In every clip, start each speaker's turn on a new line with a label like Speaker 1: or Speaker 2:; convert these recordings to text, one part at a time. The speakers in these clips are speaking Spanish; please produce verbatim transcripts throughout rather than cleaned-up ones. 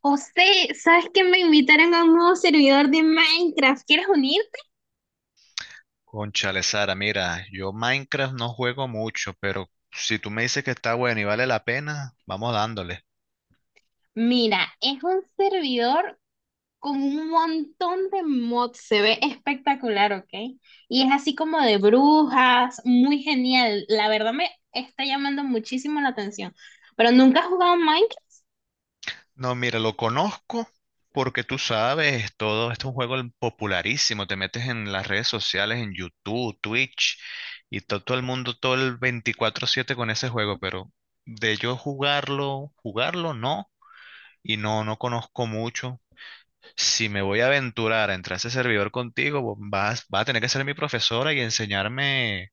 Speaker 1: José, ¿sabes que me invitaron a un nuevo servidor de Minecraft? ¿Quieres unir?
Speaker 2: Cónchale, Sara, mira, yo Minecraft no juego mucho, pero si tú me dices que está bueno y vale la pena, vamos dándole.
Speaker 1: Mira, es un servidor con un montón de mods, se ve espectacular, ¿ok? Y es así como de brujas, muy genial. La verdad me está llamando muchísimo la atención. Pero nunca has jugado Minecraft.
Speaker 2: No, mira, lo conozco porque tú sabes, todo esto es un juego popularísimo, te metes en las redes sociales, en YouTube, Twitch, y to- todo el mundo, todo el veinticuatro siete con ese juego, pero de yo jugarlo, jugarlo no, y no, no conozco mucho. Si me voy a aventurar a entrar a ese servidor contigo, vos vas, vas a tener que ser mi profesora y enseñarme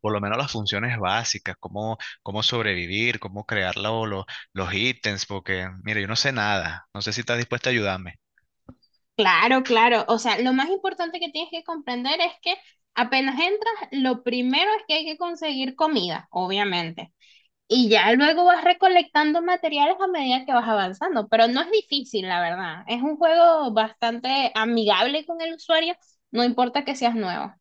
Speaker 2: por lo menos las funciones básicas, cómo, cómo sobrevivir, cómo crear lo- lo- los ítems, porque, mira, yo no sé nada, no sé si estás dispuesta a ayudarme.
Speaker 1: Claro, claro. O sea, lo más importante que tienes que comprender es que apenas entras, lo primero es que hay que conseguir comida, obviamente. Y ya luego vas recolectando materiales a medida que vas avanzando, pero no es difícil, la verdad. Es un juego bastante amigable con el usuario, no importa que seas nuevo.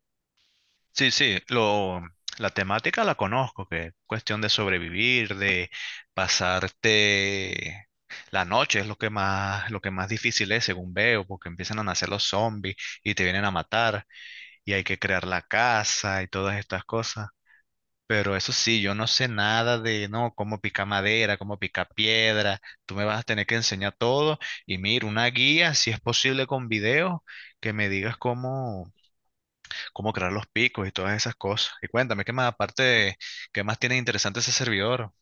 Speaker 2: Sí, sí, lo, la temática la conozco, que es cuestión de sobrevivir, de pasarte la noche, es lo que más, lo que más difícil es, según veo, porque empiezan a nacer los zombies y te vienen a matar, y hay que crear la casa y todas estas cosas. Pero eso sí, yo no sé nada de, no, cómo picar madera, cómo picar piedra. Tú me vas a tener que enseñar todo. Y mira, una guía, si es posible con video, que me digas cómo, cómo crear los picos y todas esas cosas. Y cuéntame, ¿qué más aparte, de- qué más tiene interesante ese servidor?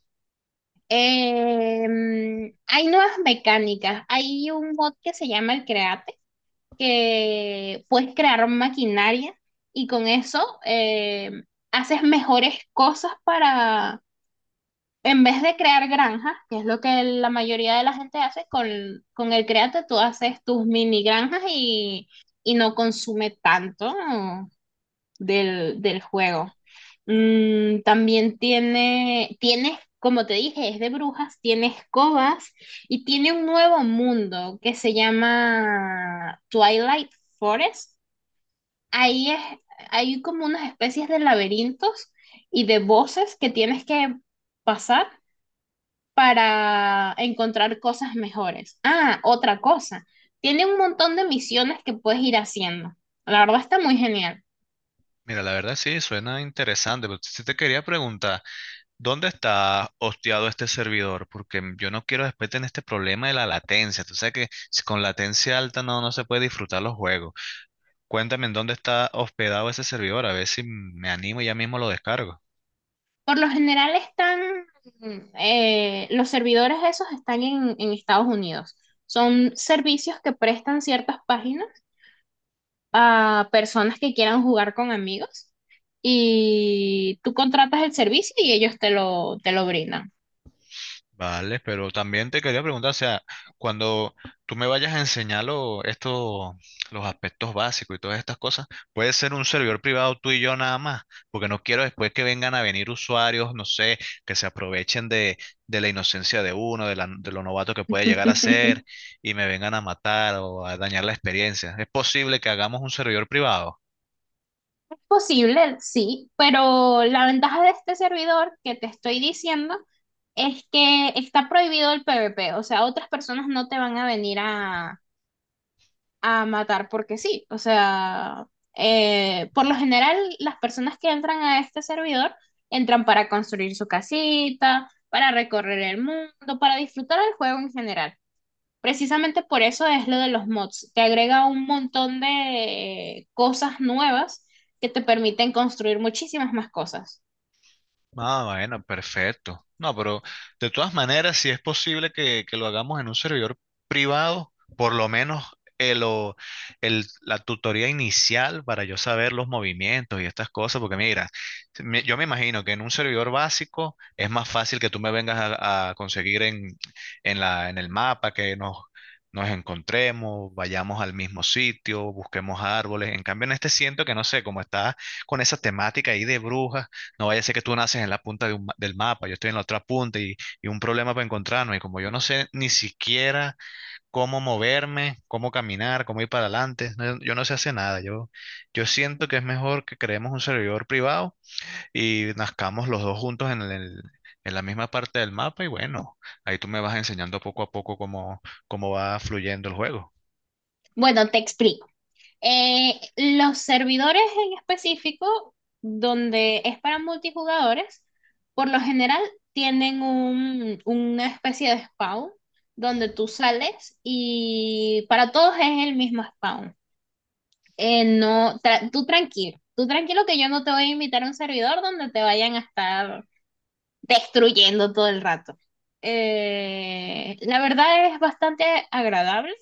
Speaker 1: Em, hay nuevas mecánicas. Hay un mod que se llama el Create, que puedes crear maquinaria y con eso em, haces mejores cosas para, en vez de crear granjas, que es lo que la mayoría de la gente hace, con, con el Créate tú haces tus mini granjas y, y no consume tanto del, del juego. Mm, también tiene, tienes, como te dije, es de brujas, tiene escobas y tiene un nuevo mundo que se llama Twilight Forest. Ahí es, hay como unas especies de laberintos y de voces que tienes que pasar para encontrar cosas mejores. Ah, otra cosa, tiene un montón de misiones que puedes ir haciendo. La verdad está muy genial.
Speaker 2: Mira, la verdad sí, suena interesante, pero sí te quería preguntar, ¿dónde está hosteado este servidor? Porque yo no quiero después tener este problema de la latencia. Tú sabes que si con latencia alta no, no se puede disfrutar los juegos. Cuéntame en dónde está hospedado ese servidor, a ver si me animo y ya mismo lo descargo.
Speaker 1: Por lo general están, eh, los servidores esos están en, en Estados Unidos. Son servicios que prestan ciertas páginas a personas que quieran jugar con amigos y tú contratas el servicio y ellos te lo, te lo brindan.
Speaker 2: Vale, pero también te quería preguntar, o sea, cuando tú me vayas a enseñar lo- esto, los aspectos básicos y todas estas cosas, puede ser un servidor privado tú y yo nada más, porque no quiero después que vengan a venir usuarios, no sé, que se aprovechen de, de la inocencia de uno, de, la, de lo novato que puede llegar a ser y me vengan a matar o a dañar la experiencia. ¿Es posible que hagamos un servidor privado?
Speaker 1: Posible, sí, pero la ventaja de este servidor que te estoy diciendo es que está prohibido el PvP, o sea, otras personas no te van a venir a, a matar porque sí, o sea, eh, por lo general las personas que entran a este servidor entran para construir su casita, para recorrer el mundo, para disfrutar el juego en general. Precisamente por eso es lo de los mods. Te agrega un montón de cosas nuevas que te permiten construir muchísimas más cosas.
Speaker 2: Ah, bueno, perfecto. No, pero de todas maneras, si es posible que, que lo hagamos en un servidor privado, por lo menos el, o- el- la tutoría inicial para yo saber los movimientos y estas cosas, porque mira, me- yo me imagino que en un servidor básico es más fácil que tú me vengas a, a conseguir en, en la, en el mapa, que nos, nos encontremos, vayamos al mismo sitio, busquemos árboles. En cambio, en este siento que no sé, como está con esa temática ahí de brujas. No vaya a ser que tú naces en la punta de un ma- del mapa, yo estoy en la otra punta y, y un problema para encontrarnos. Y como yo no sé ni siquiera cómo moverme, cómo caminar, cómo ir para adelante, no- yo no sé hacer nada. Yo, yo siento que es mejor que creemos un servidor privado y nazcamos los dos juntos en el- en la misma parte del mapa. Y bueno, ahí tú me vas enseñando poco a poco cómo, cómo va fluyendo el juego.
Speaker 1: Bueno, te explico. Eh, los servidores en específico, donde es para multijugadores, por lo general tienen un, una especie de spawn donde tú sales y para todos es el mismo spawn. Eh, no, tra- tú tranquilo, tú tranquilo que yo no te voy a invitar a un servidor donde te vayan a estar destruyendo todo el rato. Eh, la verdad es bastante agradable.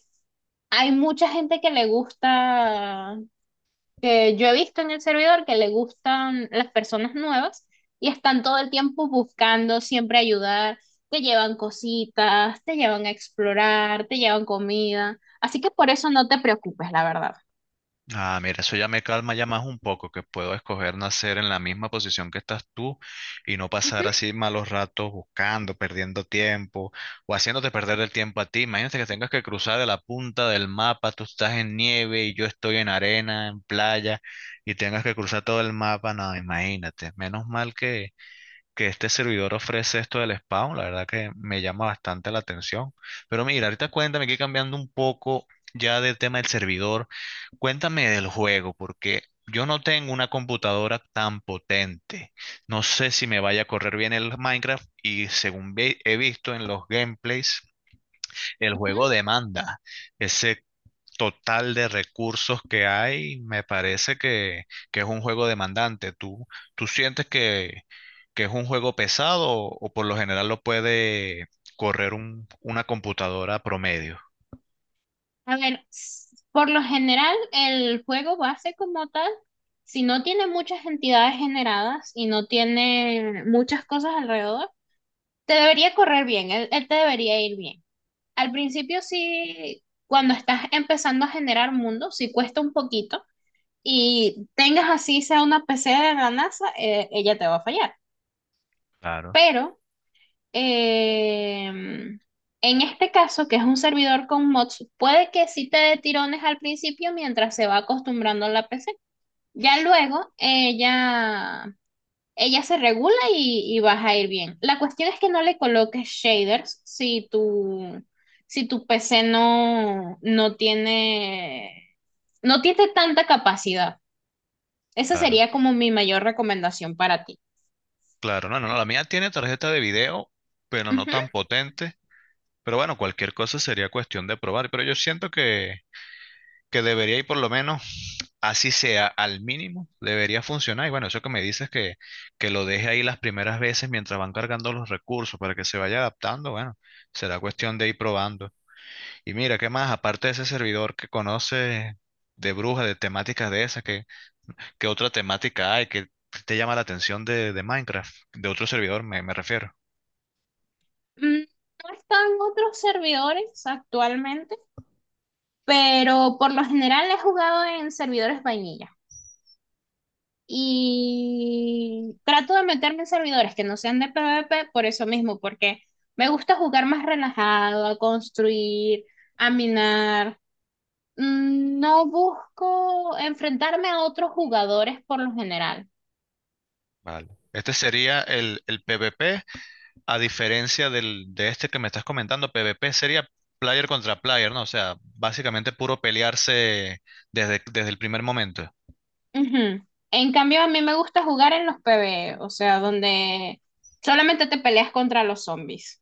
Speaker 1: Hay mucha gente que le gusta, que yo he visto en el servidor, que le gustan las personas nuevas y están todo el tiempo buscando siempre ayudar, te llevan cositas, te llevan a explorar, te llevan comida. Así que por eso no te preocupes, la verdad.
Speaker 2: Ah, mira, eso ya me calma ya más un poco, que puedo escoger nacer en la misma posición que estás tú y no
Speaker 1: Ujú,
Speaker 2: pasar así malos ratos buscando, perdiendo tiempo o haciéndote perder el tiempo a ti. Imagínate que tengas que cruzar de la punta del mapa, tú estás en nieve y yo estoy en arena, en playa y tengas que cruzar todo el mapa. No, imagínate. Menos mal que, que este servidor ofrece esto del spawn, la verdad que me llama bastante la atención. Pero mira, ahorita cuéntame que cambiando un poco ya del tema del servidor, cuéntame del juego, porque yo no tengo una computadora tan potente. No sé si me vaya a correr bien el Minecraft y según ve- he visto en los gameplays, el juego
Speaker 1: ujú.
Speaker 2: demanda ese total de recursos que hay, me parece que, que es un juego demandante. ¿Tú, tú sientes que, que es un juego pesado o, o por lo general lo puede correr un- una computadora promedio?
Speaker 1: A ver, s- por lo general, el juego base como tal, si no tiene muchas entidades generadas y no tiene muchas cosas alrededor, te debería correr bien, él, él te debería ir bien. Al principio sí, cuando estás empezando a generar mundos, sí cuesta un poquito y tengas así sea una P C de la NASA, eh, ella te va a fallar.
Speaker 2: Claro,
Speaker 1: Pero Em, en este caso, que es un servidor con mods, puede que sí te dé tirones al principio mientras se va acostumbrando a la P C. Ya luego ella, ella se regula y, y vas a ir bien. La cuestión es que no le coloques shaders si tu, si tu P C no, no tiene, no tiene tanta capacidad. Esa
Speaker 2: claro,
Speaker 1: sería como mi mayor recomendación para ti.
Speaker 2: claro. No, no, no, la mía tiene tarjeta de video, pero no tan
Speaker 1: Ujú.
Speaker 2: potente. Pero bueno, cualquier cosa sería cuestión de probar. Pero yo siento que, que debería ir por lo menos así sea al mínimo, debería funcionar. Y bueno, eso que me dices que, que lo deje ahí las primeras veces mientras van cargando los recursos para que se vaya adaptando, bueno, será cuestión de ir probando. Y mira, ¿qué más? Aparte de ese servidor que conoce de bruja, de temáticas de esas, ¿qué, qué otra temática hay que te llama la atención de, de Minecraft? De otro servidor me, me refiero.
Speaker 1: Mm, No están otros servidores actualmente, pero por lo general he jugado en servidores vainilla. Y trato de meterme en servidores que no sean de PvP por eso mismo, porque me gusta jugar más relajado, a construir, a minar. Mm, No busco enfrentarme a otros jugadores por lo general.
Speaker 2: Vale. Este sería el, el P v P. A diferencia del, de este que me estás comentando, P v P sería player contra player, ¿no? O sea, básicamente puro pelearse desde, desde el primer momento.
Speaker 1: Ujú. En cambio, a mí me gusta jugar en los PvE, o sea, donde solamente te peleas contra los zombies.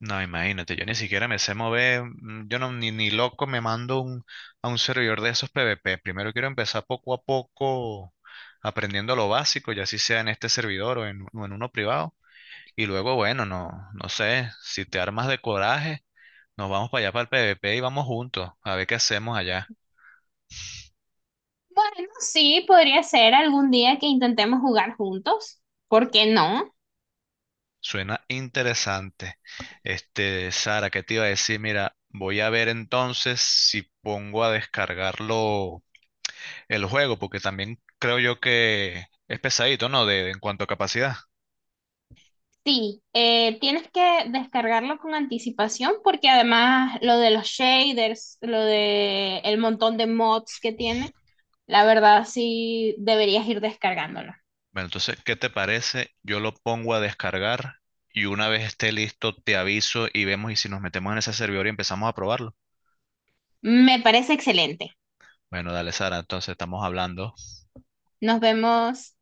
Speaker 2: No, imagínate, yo ni siquiera me sé mover, mm, yo no, ni, ni loco me mando un- a un servidor de esos P v P. Primero quiero empezar poco a poco aprendiendo lo básico, ya si sea en este servidor o en, o en uno privado. Y luego, bueno, no, no sé, si te armas de coraje, nos vamos para allá para el P v P y vamos juntos a ver qué hacemos allá.
Speaker 1: Bueno, sí, podría ser algún día que intentemos jugar juntos. ¿Por qué no?
Speaker 2: Suena interesante. Este, Sara, ¿qué te iba a decir? Mira, voy a ver entonces si pongo a descargarlo el juego, porque también creo yo que es pesadito, ¿no? De, en cuanto a capacidad.
Speaker 1: Sí, eh, tienes que descargarlo con anticipación porque además lo de los shaders, lo de el montón de mods que tiene, la verdad sí deberías ir descargándolo.
Speaker 2: Bueno, entonces, ¿qué te parece? Yo lo pongo a descargar y una vez esté listo, te aviso y vemos y si nos metemos en ese servidor y empezamos a probarlo.
Speaker 1: Me parece excelente.
Speaker 2: Bueno, dale, Sara, entonces estamos hablando.
Speaker 1: Nos vemos.